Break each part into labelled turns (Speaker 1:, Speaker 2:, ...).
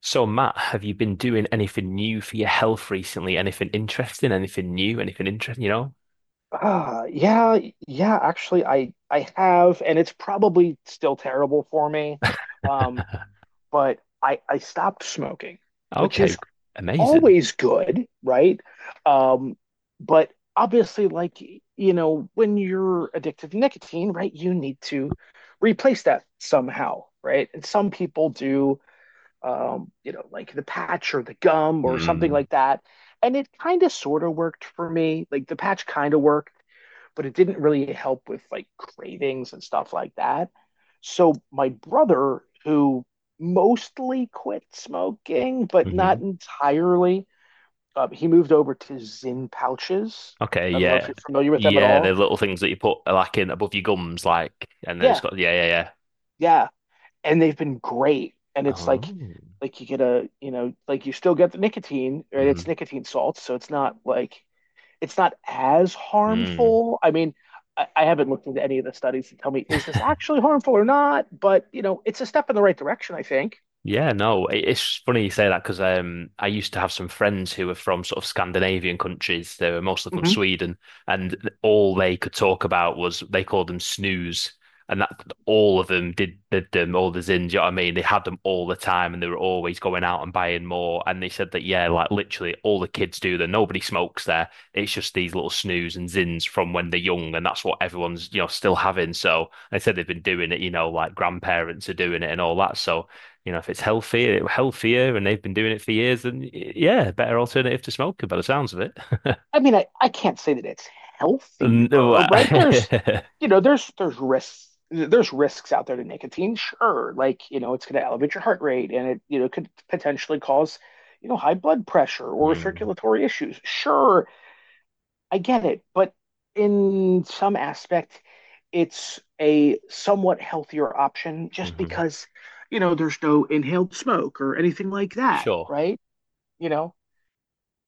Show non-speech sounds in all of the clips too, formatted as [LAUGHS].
Speaker 1: So, Matt, have you been doing anything new for your health recently? Anything interesting? Anything new? Anything interesting? You know?
Speaker 2: Yeah, yeah, actually I have, and it's probably still terrible for me. Um, but I stopped smoking, which
Speaker 1: Okay,
Speaker 2: is
Speaker 1: amazing.
Speaker 2: always good, right? Um, but obviously, like, you know, when you're addicted to nicotine, right, you need to replace that somehow, right? And some people do, you know, like the patch or the gum or something
Speaker 1: Mm.
Speaker 2: like that. And it kind of sort of worked for me. Like, the patch kind of worked, but it didn't really help with like cravings and stuff like that. So my brother, who mostly quit smoking
Speaker 1: Hmm.
Speaker 2: but
Speaker 1: Mm-hmm.
Speaker 2: not entirely, he moved over to Zin pouches.
Speaker 1: Okay,
Speaker 2: I don't know if
Speaker 1: yeah,
Speaker 2: you're familiar with them at
Speaker 1: yeah. The
Speaker 2: all.
Speaker 1: little things that you put like in above your gums, like, and then it's
Speaker 2: Yeah,
Speaker 1: got, yeah, yeah, yeah.
Speaker 2: yeah, and they've been great. And it's
Speaker 1: Oh.
Speaker 2: like you get a, you know, like you still get the nicotine, right? It's
Speaker 1: Hmm.
Speaker 2: nicotine salts, so it's not like it's not as
Speaker 1: [LAUGHS]
Speaker 2: harmful. I mean, I haven't looked into any of the studies to tell me, is this
Speaker 1: Mm.
Speaker 2: actually harmful or not, but you know, it's a step in the right direction, I think.
Speaker 1: Yeah, no, it's funny you say that because I used to have some friends who were from sort of Scandinavian countries. They were mostly from
Speaker 2: hmm
Speaker 1: Sweden, and all they could talk about was they called them snooze, and that all of them did them, all the zins. You know what I mean? They had them all the time, and they were always going out and buying more. And they said that, yeah, like literally all the kids do that. Nobody smokes there. It's just these little snooze and zins from when they're young, and that's what everyone's still having. So they said they've been doing it. You know, like grandparents are doing it and all that. So. You know, if it's healthier, healthier, and they've been doing it for years, then yeah, better alternative to smoking by the sounds of it.
Speaker 2: I mean, I can't say that it's
Speaker 1: [LAUGHS]
Speaker 2: healthier, right?
Speaker 1: [LAUGHS]
Speaker 2: You know, there's risks, there's risks out there to nicotine, sure. Like, you know, it's going to elevate your heart rate, and it, you know, could potentially cause, you know, high blood pressure or
Speaker 1: Mm.
Speaker 2: circulatory issues. Sure, I get it, but in some aspect, it's a somewhat healthier option, just
Speaker 1: Mhm.
Speaker 2: because, you know, there's no inhaled smoke or anything like that,
Speaker 1: Sure.
Speaker 2: right? You know?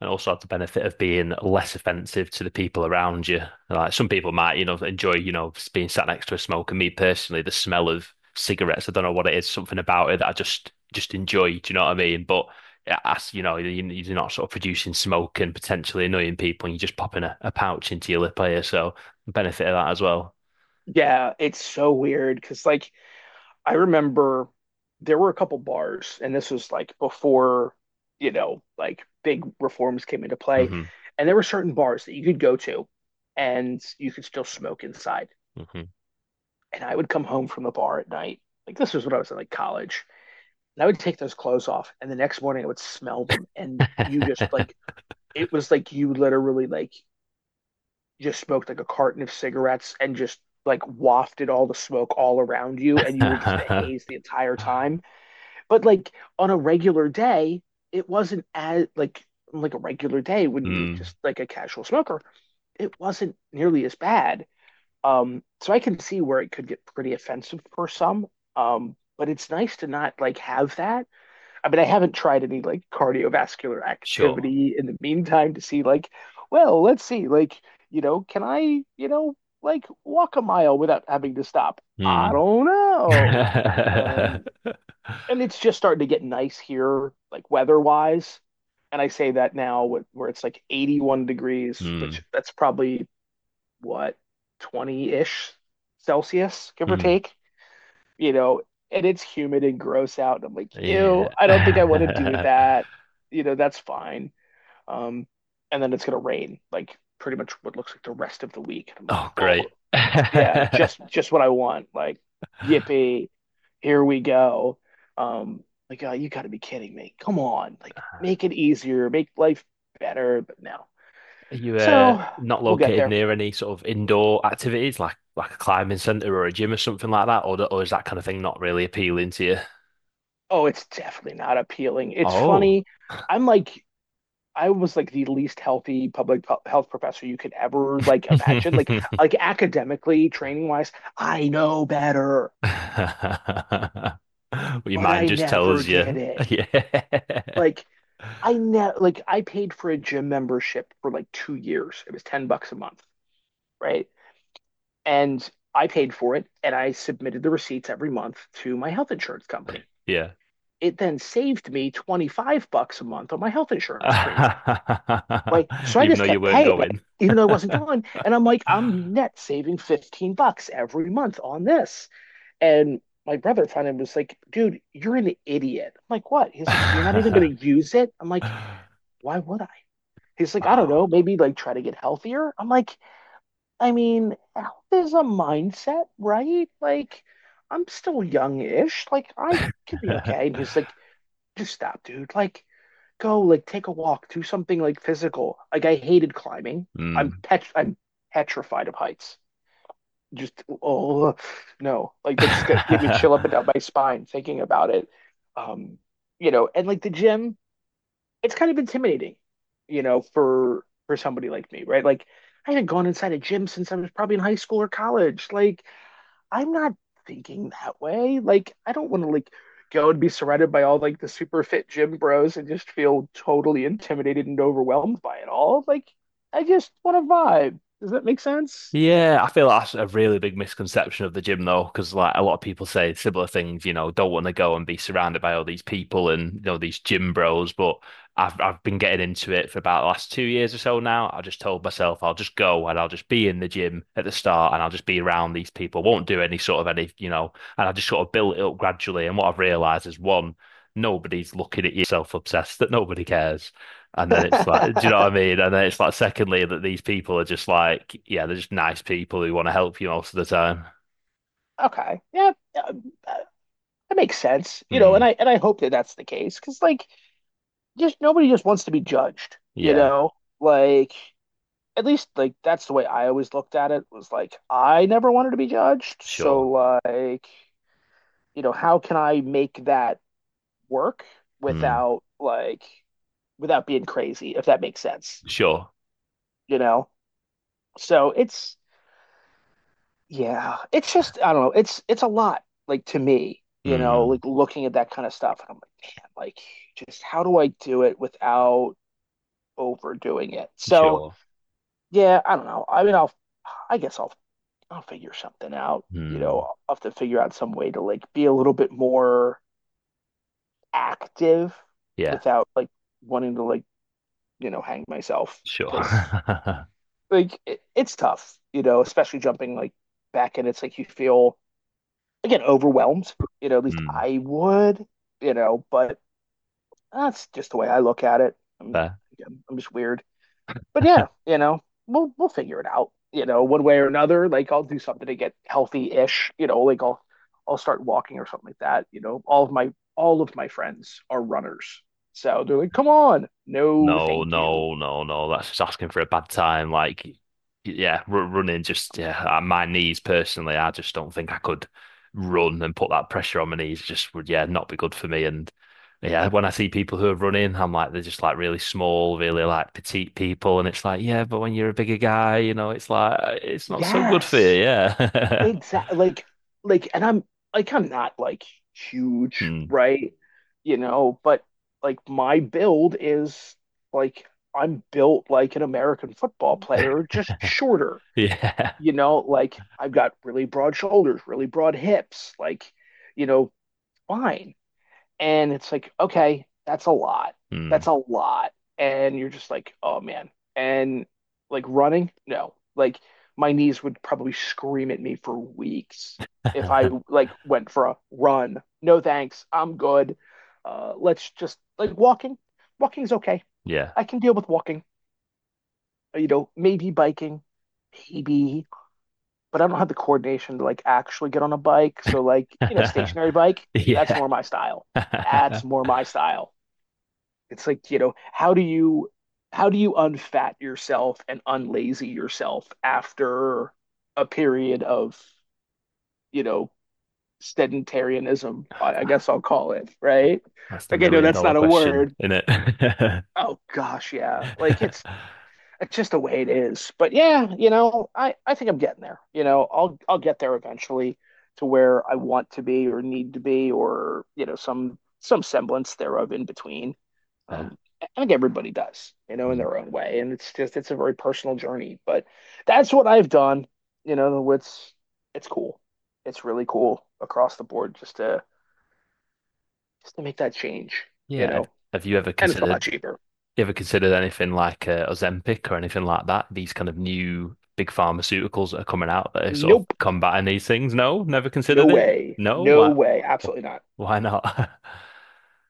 Speaker 1: And also have the benefit of being less offensive to the people around you. Like, some people might, enjoy, being sat next to a smoker. Me personally, the smell of cigarettes, I don't know what it is, something about it that I just enjoy. Do you know what I mean? But as you know, you- are not sort of producing smoke and potentially annoying people, and you're just popping a pouch into your lip here. So benefit of that as well.
Speaker 2: Yeah, it's so weird because, like, I remember there were a couple bars, and this was like before, you know, like big reforms came into play,
Speaker 1: Hmm.
Speaker 2: and there were certain bars that you could go to and you could still smoke inside.
Speaker 1: Hmm.
Speaker 2: And I would come home from the bar at night. Like, this was when I was in like college, and I would take those clothes off, and the next morning I would smell them, and you just like,
Speaker 1: [LAUGHS]
Speaker 2: it was like you literally like just smoked like a carton of cigarettes and just like wafted all the smoke all around you, and you were just a haze the entire time. But like on a regular day, it wasn't as like a regular day when you're
Speaker 1: Mm.
Speaker 2: just like a casual smoker, it wasn't nearly as bad. So I can see where it could get pretty offensive for some. But it's nice to not like have that. I mean, I haven't tried any like cardiovascular
Speaker 1: Sure.
Speaker 2: activity in the meantime to see like, well, let's see, like, you know, can I, you know, like walk a mile without having to stop? I
Speaker 1: Mm.
Speaker 2: don't know.
Speaker 1: [LAUGHS]
Speaker 2: Um,
Speaker 1: Mm.
Speaker 2: and it's just starting to get nice here, like weather-wise. And I say that now where it's like 81 degrees, which that's probably what, 20-ish Celsius, give or
Speaker 1: Mm.
Speaker 2: take, you know, and it's humid and gross out. And I'm like, ew,
Speaker 1: Yeah.
Speaker 2: I don't think I want to do
Speaker 1: [LAUGHS]
Speaker 2: that. You know, that's fine. Um, and then it's gonna rain, like pretty much what looks like the rest of the week. And I'm like,
Speaker 1: Oh, great.
Speaker 2: oh
Speaker 1: [LAUGHS]
Speaker 2: yeah,
Speaker 1: Are
Speaker 2: just what I want. Like, yippee, here we go. Um, like, oh, you gotta be kidding me. Come on, like make it easier, make life better, but no.
Speaker 1: you
Speaker 2: So
Speaker 1: not
Speaker 2: we'll get
Speaker 1: located
Speaker 2: there.
Speaker 1: near any sort of indoor activities like a climbing center or a gym or something like that, or is that kind of thing not really appealing to you?
Speaker 2: Oh, it's definitely not appealing. It's
Speaker 1: Oh.
Speaker 2: funny. I'm like, I was like the least healthy public health professor you could ever like imagine. Like academically, training wise, I know better,
Speaker 1: [LAUGHS] Well, your
Speaker 2: but
Speaker 1: mind
Speaker 2: I
Speaker 1: just
Speaker 2: never
Speaker 1: tells
Speaker 2: did
Speaker 1: you.
Speaker 2: it.
Speaker 1: [LAUGHS] Yeah.
Speaker 2: Like I ne like I paid for a gym membership for like 2 years. It was 10 bucks a month, right? And I paid for it, and I submitted the receipts every month to my health insurance company.
Speaker 1: Yeah.
Speaker 2: It then saved me 25 bucks a month on my health insurance premium. Right?
Speaker 1: [LAUGHS]
Speaker 2: So I
Speaker 1: Even
Speaker 2: just
Speaker 1: though you
Speaker 2: kept
Speaker 1: weren't
Speaker 2: paying it,
Speaker 1: going.
Speaker 2: even though it wasn't
Speaker 1: [LAUGHS]
Speaker 2: going. And I'm like, I'm net saving 15 bucks every month on this. And my brother finally was like, dude, you're an idiot. I'm like, what? He's like, you're not even going to use it. I'm like, why would I? He's like, I don't
Speaker 1: Oh.
Speaker 2: know, maybe like try to get healthier. I'm like, I mean, health is a mindset, right? Like, I'm still young-ish. Like, I could be okay. And he's
Speaker 1: [LAUGHS]
Speaker 2: like, just stop, dude. Like, go like take a walk, do something like physical. Like, I hated climbing. I'm
Speaker 1: Hmm.
Speaker 2: pet I'm petrified of heights. Just oh no, like that just got, gave me chill up
Speaker 1: [LAUGHS]
Speaker 2: and down my spine thinking about it. Um, you know, and like the gym, it's kind of intimidating, you know, for somebody like me, right? Like, I haven't gone inside a gym since I was probably in high school or college. Like, I'm not thinking that way. Like, I don't want to like go and be surrounded by all like the super fit gym bros and just feel totally intimidated and overwhelmed by it all. Like, I just want to vibe. Does that make sense?
Speaker 1: Yeah, I feel like that's a really big misconception of the gym though, because like a lot of people say similar things, you know, don't want to go and be surrounded by all these people and you know these gym bros. But I've been getting into it for about the last 2 years or so now. I just told myself I'll just go and I'll just be in the gym at the start and I'll just be around these people. Won't do any sort of any, you know, and I just sort of built it up gradually. And what I've realized is, one, nobody's looking at you, know what you're doing. Everyone's so self-obsessed that nobody cares. And then it's like, do you know what I
Speaker 2: [LAUGHS]
Speaker 1: mean? And then it's like, secondly, that these people are just like, yeah, they're just nice people who want to help you most of the time.
Speaker 2: Okay. Yeah, um, uh, that makes sense. You know,
Speaker 1: Hmm.
Speaker 2: and I hope that that's the case, because like just nobody just wants to be judged. You
Speaker 1: Yeah.
Speaker 2: know, like, at least like that's the way I always looked at it, was like I never wanted to be judged.
Speaker 1: Sure.
Speaker 2: So like, you know, how can I make that work
Speaker 1: Hmm.
Speaker 2: without like, without being crazy, if that makes sense,
Speaker 1: Sure.
Speaker 2: you know? So it's, yeah, it's just I don't know, it's a lot, like to me, you know,
Speaker 1: Hmm.
Speaker 2: like looking at that kind of stuff and I'm like, man, like just how do I do it without overdoing it? So
Speaker 1: Sure.
Speaker 2: yeah, I don't know. I mean, I guess I'll figure something out. You know,
Speaker 1: Hmm.
Speaker 2: I'll have to figure out some way to like be a little bit more active
Speaker 1: Yeah.
Speaker 2: without like wanting to like, you know, hang myself
Speaker 1: Sure.
Speaker 2: because
Speaker 1: [LAUGHS]
Speaker 2: like it, it's tough, you know, especially jumping like back in. It's like you feel again overwhelmed, you know, at least
Speaker 1: Hmm.
Speaker 2: I would, you know, but that's just the way I look at it.
Speaker 1: Fair.
Speaker 2: Again, I'm just weird, but yeah, you know, we'll figure it out, you know, one way or another. Like I'll do something to get healthy ish, you know, I'll start walking or something like that. You know, all of my friends are runners. So they're like, come on. No,
Speaker 1: No,
Speaker 2: thank you.
Speaker 1: no, no, no. That's just asking for a bad time. Like, yeah, r running just, yeah. My knees personally, I just don't think I could run and put that pressure on my knees. Just would, yeah, not be good for me. And yeah, when I see people who are running, I'm like they're just like really small, really like petite people, and it's like yeah, but when you're a bigger guy, you know, it's like it's not so good for you.
Speaker 2: Yes.
Speaker 1: Yeah.
Speaker 2: Exactly, like, and I'm like, I'm not like
Speaker 1: [LAUGHS]
Speaker 2: huge,
Speaker 1: Hmm.
Speaker 2: right? You know, but like my build is like, I'm built like an American football player, just shorter.
Speaker 1: Yeah.
Speaker 2: You know, like I've got really broad shoulders, really broad hips, like, you know, fine, and it's like okay, that's a lot
Speaker 1: Hmm.
Speaker 2: that's a lot and you're just like oh man. And like running, no, like my knees would probably scream at me for weeks if I
Speaker 1: [LAUGHS]
Speaker 2: like went for a run. No thanks, I'm good. Let's just like walking, walking's okay.
Speaker 1: Yeah.
Speaker 2: I can deal with walking, you know, maybe biking, maybe, but I don't have the coordination to like actually get on a bike, so like, you know, stationary
Speaker 1: [LAUGHS]
Speaker 2: bike, that's
Speaker 1: Yeah.
Speaker 2: more my style that's more
Speaker 1: [LAUGHS]
Speaker 2: my style It's like, you know, how do you, how do you unfat yourself and unlazy yourself after a period of, you know, sedentarianism, I guess I'll call it, right?
Speaker 1: That's the
Speaker 2: Okay, no,
Speaker 1: million
Speaker 2: that's
Speaker 1: dollar
Speaker 2: not a
Speaker 1: question,
Speaker 2: word.
Speaker 1: isn't it? [LAUGHS]
Speaker 2: Oh gosh, yeah. Like it's just the way it is. But yeah, you know, I think I'm getting there. You know, I'll get there eventually, to where I want to be or need to be or, you know, some semblance thereof in between.
Speaker 1: Uh,
Speaker 2: I think everybody does, you know, in their own way. And it's just, it's a very personal journey, but that's what I've done. You know, it's cool. It's really cool across the board, just to make that change, you
Speaker 1: yeah. Have,
Speaker 2: know,
Speaker 1: have you ever
Speaker 2: and it's a lot
Speaker 1: considered,
Speaker 2: cheaper.
Speaker 1: anything like Ozempic or anything like that? These kind of new big pharmaceuticals that are coming out that are sort of
Speaker 2: Nope.
Speaker 1: combating these things? No, never
Speaker 2: No
Speaker 1: considered it.
Speaker 2: way.
Speaker 1: No,
Speaker 2: No
Speaker 1: why?
Speaker 2: way. Absolutely not.
Speaker 1: Why not? [LAUGHS]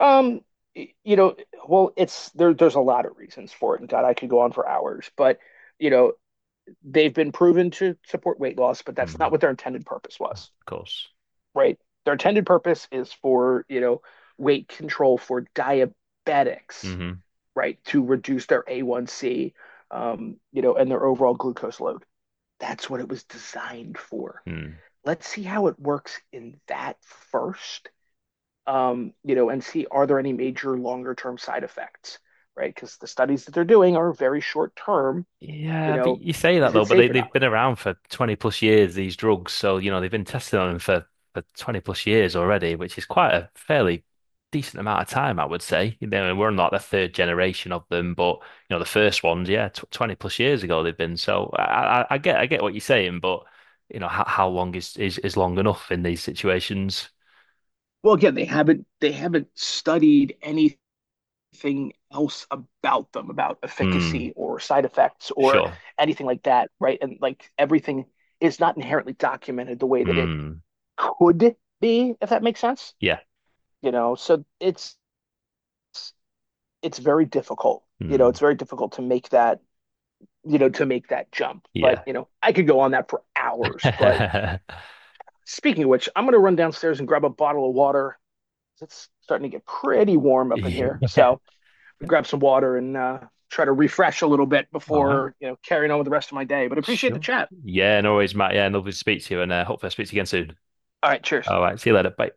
Speaker 2: Um, you know, well, it's there's a lot of reasons for it. And God, I could go on for hours, but you know, they've been proven to support weight loss, but that's not
Speaker 1: Mhm,
Speaker 2: what their intended purpose was.
Speaker 1: of course.
Speaker 2: Right? Their intended purpose is for, you know, weight control for diabetics,
Speaker 1: Mm-hmm.
Speaker 2: right? To reduce their A1C, you know, and their overall glucose load. That's what it was designed for.
Speaker 1: Hmm.
Speaker 2: Let's see how it works in that first, you know, and see are there any major longer term side effects, right? Because the studies that they're doing are very short term, you
Speaker 1: Yeah, but
Speaker 2: know,
Speaker 1: you say that
Speaker 2: is it
Speaker 1: though, but
Speaker 2: safe or not?
Speaker 1: they've been around for 20 plus years, these drugs. So, you know, they've been testing on them for 20 plus years already, which is quite a fairly decent amount of time, I would say. You know, and we're not the third generation of them, but, you know, the first ones, yeah, tw 20 plus years ago they've been. So I get, what you're saying, but, you know, how long is, is long enough in these situations?
Speaker 2: Well, again, they haven't studied anything else about them, about
Speaker 1: Hmm,
Speaker 2: efficacy or side effects or
Speaker 1: sure.
Speaker 2: anything like that, right? And like everything is not inherently documented the way that it
Speaker 1: Hmm,
Speaker 2: could be, if that makes sense.
Speaker 1: yeah.
Speaker 2: You know, so it's very difficult. You know,
Speaker 1: Hmm,
Speaker 2: it's very difficult to make that, you know, to make that jump. But,
Speaker 1: yeah.
Speaker 2: you know, I could go on that for hours. But
Speaker 1: [LAUGHS]
Speaker 2: speaking of which, I'm going to run downstairs and grab a bottle of water. It's starting to get pretty warm up in here.
Speaker 1: Yeah.
Speaker 2: So I grab some water and try to refresh a little bit
Speaker 1: All right.
Speaker 2: before, you know, carrying on with the rest of my day. But appreciate the
Speaker 1: Sure.
Speaker 2: chat.
Speaker 1: Yeah, no worries, Matt. Yeah, lovely to speak to you, and hopefully I'll speak to you again soon.
Speaker 2: All right. Cheers.
Speaker 1: All right, see you later. Bye.